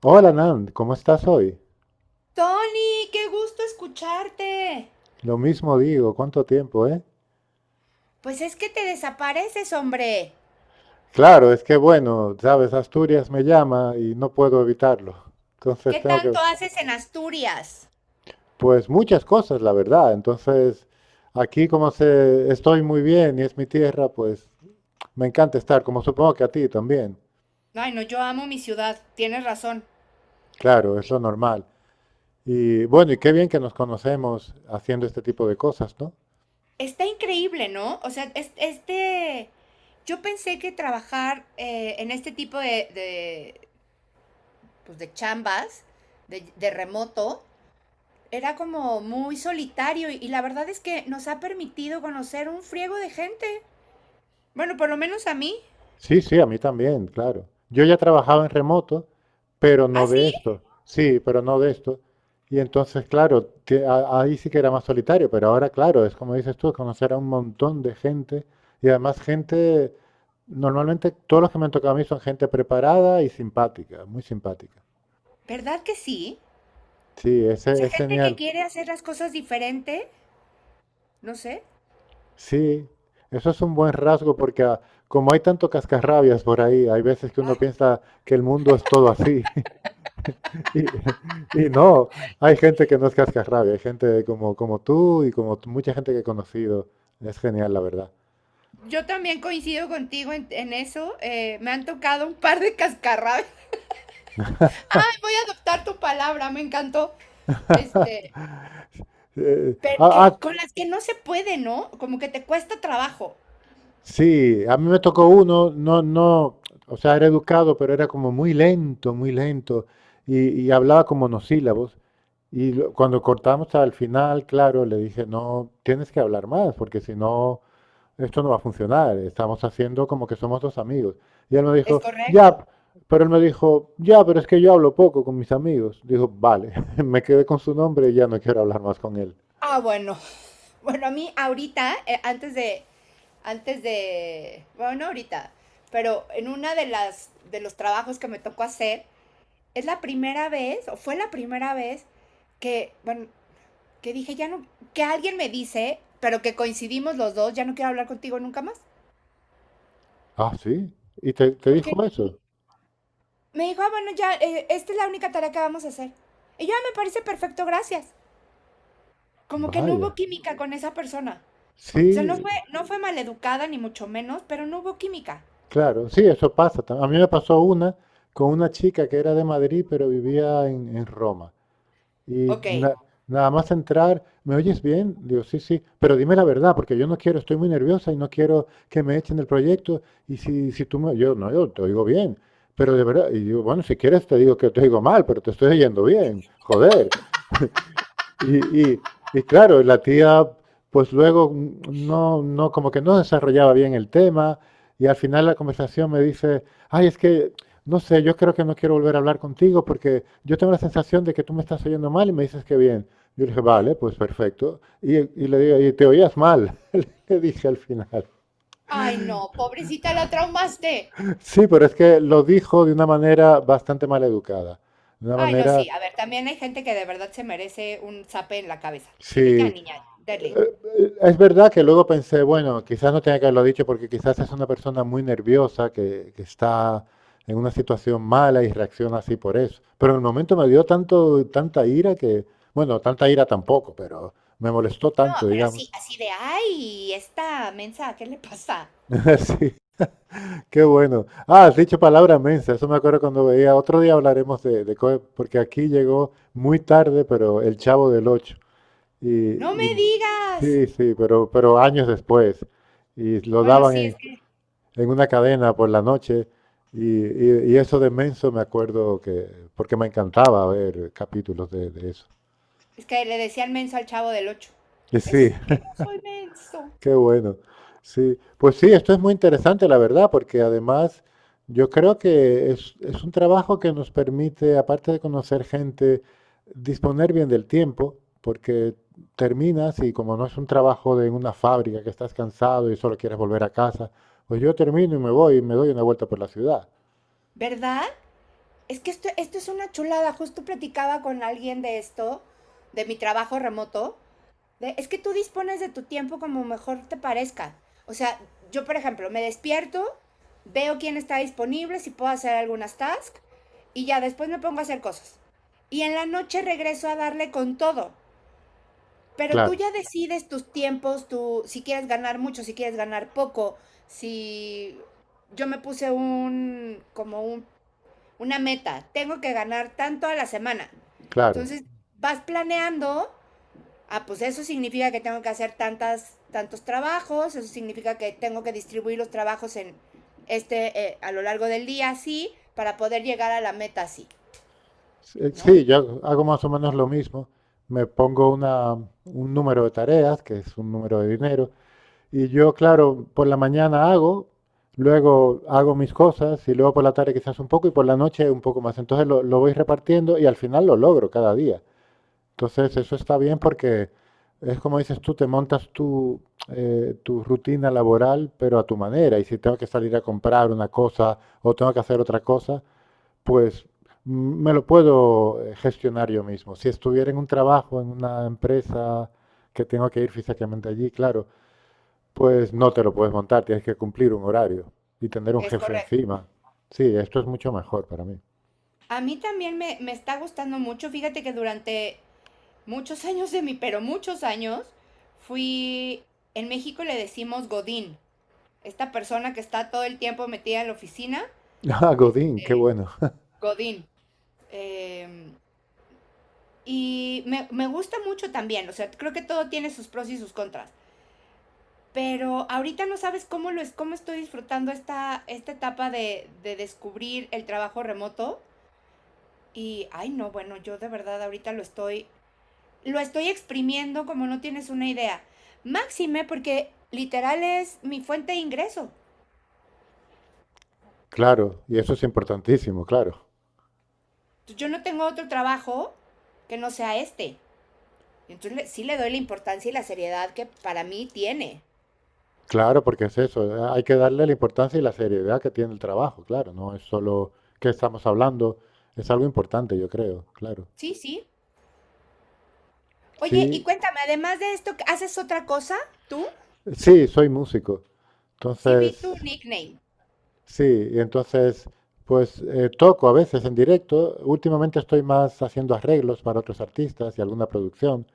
Hola Nan, ¿cómo estás hoy? Tony, qué gusto escucharte. Lo mismo digo, ¿cuánto tiempo, Pues es que te desapareces, hombre. Claro, es que bueno, sabes, Asturias me llama y no puedo evitarlo. Entonces ¿Qué tengo tanto que, haces en Asturias? pues muchas cosas, la verdad. Entonces, aquí como se, estoy muy bien y es mi tierra, pues me encanta estar, como supongo que a ti también. Ay, no, yo amo mi ciudad, tienes razón. Claro, es lo normal. Y bueno, y qué bien que nos conocemos haciendo este tipo de cosas, ¿no? Está increíble, ¿no? O sea, yo pensé que trabajar en este tipo de, pues, de chambas, de remoto, era como muy solitario y la verdad es que nos ha permitido conocer un friego de gente. Bueno, por lo menos a mí. Sí, sí, a mí también, claro. Yo ya trabajaba en remoto, pero no Ah, sí, de esto. Sí, pero no de esto. Y entonces, claro, ahí sí que era más solitario, pero ahora, claro, es como dices tú, conocer a un montón de gente y además gente, normalmente todos los que me han tocado a mí son gente preparada y simpática, muy simpática. ¿verdad que sí? Sí, O ese sea, es gente que genial. quiere hacer las cosas diferente, no sé. Sí, eso es un buen rasgo porque como hay tanto cascarrabias por ahí, hay veces que uno piensa que el mundo es todo así. Y, y no, hay gente que no es cascarrabia, hay gente como, como tú y como mucha gente que he conocido. Es genial, la verdad. Yo también coincido contigo en eso. Me han tocado un par de cascarrabias. Ay, voy a adoptar tu palabra, me encantó. Este, Eh, pero que ah, ah, con las que no se puede, ¿no? Como que te cuesta trabajo. sí, a mí me tocó uno, no, no, o sea, era educado, pero era como muy lento, y hablaba con monosílabos. Y cuando cortamos al final, claro, le dije, no, tienes que hablar más, porque si no, esto no va a funcionar, estamos haciendo como que somos dos amigos. Y él me Es dijo, ya, correcto. pero él me dijo, ya, pero es que yo hablo poco con mis amigos. Dijo, vale, me quedé con su nombre y ya no quiero hablar más con él. Ah, bueno. Bueno, a mí ahorita, bueno, no ahorita, pero en una de las, de los trabajos que me tocó hacer, es la primera vez, o fue la primera vez que, bueno, que dije, ya no, que alguien me dice, pero que coincidimos los dos, ya no quiero hablar contigo nunca más. Ah, sí, y te Porque dijo eso. me dijo, ah, bueno, ya, esta es la única tarea que vamos a hacer. Y yo, ah, me parece perfecto, gracias. Como que no Vaya, hubo química con esa persona. O sea, sí, no fue maleducada, ni mucho menos, pero no hubo química. claro, sí, eso pasa. A mí me pasó una con una chica que era de Madrid, pero vivía en Roma. Y Ok. Nada más entrar, ¿me oyes bien? Digo, sí, sí, pero dime la verdad, porque yo no quiero, estoy muy nerviosa y no quiero que me echen del proyecto. Y si, si tú me, yo no, yo te oigo bien, pero de verdad, y digo, bueno, si quieres te digo que te oigo mal, pero te estoy oyendo bien, joder. Y, y claro, la tía, pues luego no, no, como que no desarrollaba bien el tema, y al final la conversación me dice, ay, es que, no sé, yo creo que no quiero volver a hablar contigo porque yo tengo la sensación de que tú me estás oyendo mal y me dices que bien. Yo le dije, vale, pues perfecto. Y le digo, y te oías mal, le dije al final. Ay, no, pobrecita, la traumaste. Sí, pero es que lo dijo de una manera bastante mal educada, de una Ay, no, manera, sí. A ver, también hay gente que de verdad se merece un zape en la cabeza. Sí, de ya, sí, niña, dale. es verdad que luego pensé, bueno, quizás no tenía que haberlo dicho porque quizás es una persona muy nerviosa que está en una situación mala y reacciona así por eso. Pero en el momento me dio tanto, tanta ira que, bueno, tanta ira tampoco, pero me molestó tanto, No, pero digamos. así, así de, ay, esta mensa, ¿qué le pasa? Sí, qué bueno. Ah, has dicho palabra mensa, eso me acuerdo cuando veía. Otro día hablaremos de Coe, porque aquí llegó muy tarde, pero el Chavo del Ocho. Y, ¡No me y- digas! sí, sí, pero años después. Y lo Bueno, daban sí, en una cadena por la noche. Y, y eso de Menso me acuerdo que, porque me encantaba ver capítulos de eso. es que le decían menso al chavo del 8. Y sí, Es que no soy menso. qué bueno. Sí, pues sí, esto es muy interesante, la verdad, porque además yo creo que es un trabajo que nos permite, aparte de conocer gente, disponer bien del tiempo, porque terminas y como no es un trabajo de una fábrica que estás cansado y solo quieres volver a casa, pues yo termino y me voy y me doy una vuelta por la ciudad. ¿Verdad? Es que esto es una chulada. Justo platicaba con alguien de esto, de mi trabajo remoto. De- es que tú dispones de tu tiempo como mejor te parezca. O sea, yo, por ejemplo, me despierto, veo quién está disponible, si puedo hacer algunas tasks, y ya después me pongo a hacer cosas. Y en la noche regreso a darle con todo. Pero tú Claro, ya decides tus tiempos, tú, si quieres ganar mucho, si quieres ganar poco, si yo me puse una meta, tengo que ganar tanto a la semana. claro. Entonces vas planeando, ah, pues eso significa que tengo que hacer tantos trabajos, eso significa que tengo que distribuir los trabajos en a lo largo del día así, para poder llegar a la meta así, Sí, ¿no? sí, yo hago más o menos lo mismo. Me pongo una, un número de tareas, que es un número de dinero, y yo, claro, por la mañana hago, luego hago mis cosas, y luego por la tarde quizás un poco, y por la noche un poco más. Entonces lo voy repartiendo y al final lo logro cada día. Entonces eso está bien porque es como dices tú, te montas tu, tu rutina laboral, pero a tu manera. Y si tengo que salir a comprar una cosa o tengo que hacer otra cosa, pues me lo puedo gestionar yo mismo. Si estuviera en un trabajo, en una empresa que tengo que ir físicamente allí, claro, pues no te lo puedes montar, tienes que cumplir un horario y tener un Es jefe correcto. encima. Sí, esto es mucho mejor para mí. A mí también me está gustando mucho, fíjate que durante muchos años de mí, pero muchos años, fui, en México le decimos Godín, esta persona que está todo el tiempo metida en la oficina, Ah, es Godín, qué bueno. Godín. Eh, me gusta mucho también, o sea, creo que todo tiene sus pros y sus contras, pero ahorita no sabes cómo lo es, cómo estoy disfrutando esta etapa de descubrir el trabajo remoto. Y, ay, no, bueno, yo de verdad ahorita lo estoy exprimiendo como no tienes una idea. Máxime porque literal es mi fuente de ingreso. Claro, y eso es importantísimo, claro. Yo no tengo otro trabajo que no sea este. Entonces sí le doy la importancia y la seriedad que para mí tiene. Claro, porque es eso, hay que darle la importancia y la seriedad que tiene el trabajo, claro, no es solo que estamos hablando, es algo importante, yo creo, claro. Sí, sí. Oye, y Sí, cuéntame, además de esto, ¿haces otra cosa tú? sí, soy músico. Sí, vi Entonces, tu nickname. sí, y entonces, pues toco a veces en directo. Últimamente estoy más haciendo arreglos para otros artistas y alguna producción.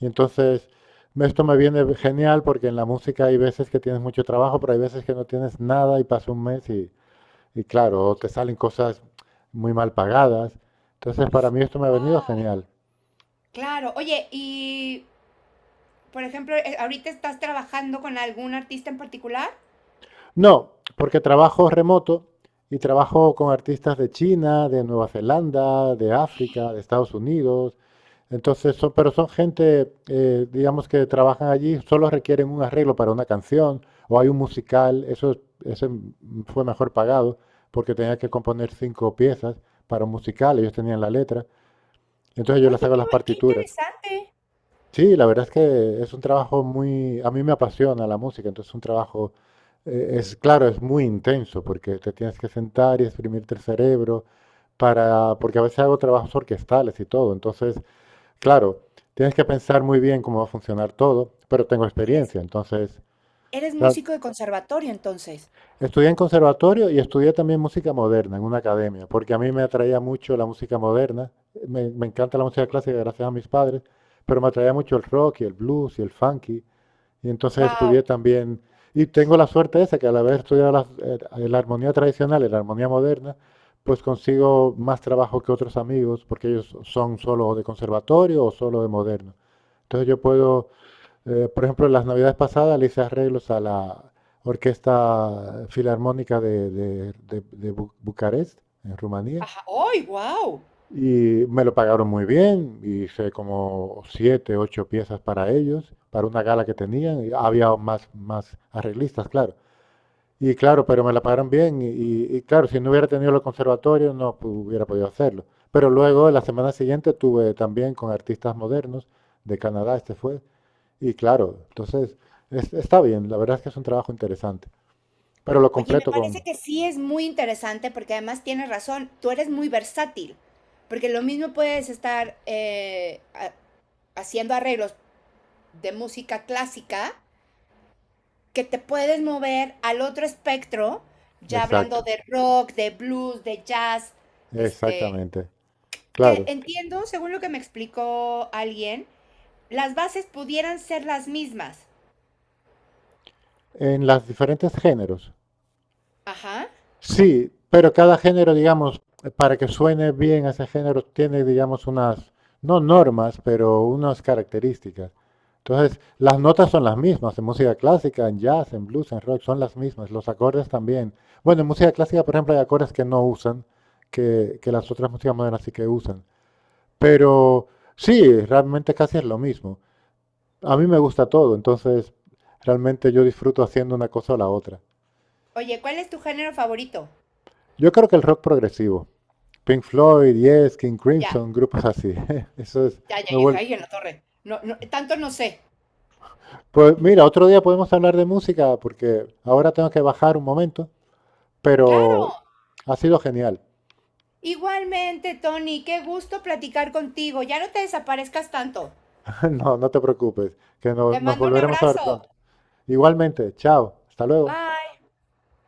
Y entonces, esto me viene genial porque en la música hay veces que tienes mucho trabajo, pero hay veces que no tienes nada y pasa un mes y claro, te salen cosas muy mal pagadas. Entonces, para mí esto me ha venido genial. Claro. Oye, y por ejemplo, ahorita estás trabajando con algún artista en particular. No, porque trabajo remoto y trabajo con artistas de China, de Nueva Zelanda, de África, de Estados Unidos. Entonces, son, pero son gente, digamos, que trabajan allí, solo requieren un arreglo para una canción o hay un musical, eso ese fue mejor pagado porque tenía que componer cinco piezas para un musical, ellos tenían la letra, entonces yo Oye, les hago qué, las qué partituras. interesante. Sí, la verdad es que es un trabajo muy, a mí me apasiona la música, entonces es un trabajo, es claro, es muy intenso porque te tienes que sentar y exprimirte el cerebro para, porque a veces hago trabajos orquestales y todo, entonces claro, tienes que pensar muy bien cómo va a funcionar todo, pero tengo Eres, experiencia, entonces, eres claro, músico de conservatorio entonces. estudié en conservatorio y estudié también música moderna en una academia, porque a mí me atraía mucho la música moderna, me encanta la música clásica gracias a mis padres, pero me atraía mucho el rock y el blues y el funky, y entonces estudié Wow. también, y tengo la suerte esa, que al haber estudiado la, la armonía tradicional y la armonía moderna, pues consigo más trabajo que otros amigos, porque ellos son solo de conservatorio o solo de moderno. Entonces yo puedo, por ejemplo, las navidades pasadas le hice arreglos a la Orquesta Filarmónica de, de Bucarest, en Rumanía, Ajá. ¡Ay, wow! y me lo pagaron muy bien, hice como siete, ocho piezas para ellos, para una gala que tenían, y había más, más arreglistas, claro. Y claro, pero me la pagaron bien, y, y claro, si no hubiera tenido el conservatorio no hubiera podido hacerlo. Pero luego, la semana siguiente, tuve también con artistas modernos de Canadá, este fue, y claro, entonces está bien, la verdad es que es un trabajo interesante, pero lo Oye, me completo con... parece que sí es muy interesante porque además tienes razón, tú eres muy versátil, porque lo mismo puedes estar haciendo arreglos de música clásica, que te puedes mover al otro espectro, ya hablando Exacto, de rock, de blues, de jazz, este, exactamente, que claro, entiendo, según lo que me explicó alguien, las bases pudieran ser las mismas. en los diferentes géneros. Ajá. Sí, pero cada género, digamos, para que suene bien ese género, tiene, digamos, unas, no normas, pero unas características. Entonces, las notas son las mismas en música clásica, en jazz, en blues, en rock, son las mismas, los acordes también. Bueno, en música clásica, por ejemplo, hay acordes que no usan, que las otras músicas modernas sí que usan. Pero sí, realmente casi es lo mismo. A mí me gusta todo, entonces realmente yo disfruto haciendo una cosa o la otra. Oye, ¿cuál es tu género favorito? Yo creo que el rock progresivo. Pink Floyd, Yes, King Ya. Crimson, grupos así. Eso es, Ya, me yo dije, vuelve. ay, en la torre. No, no, tanto no sé. Pues mira, otro día podemos hablar de música porque ahora tengo que bajar un momento, pero Claro. ha sido genial. Igualmente, Tony, qué gusto platicar contigo. Ya no te desaparezcas tanto. No, no te preocupes, que Te nos mando un volveremos a ver pronto. abrazo. Igualmente, chao, hasta luego. Bye.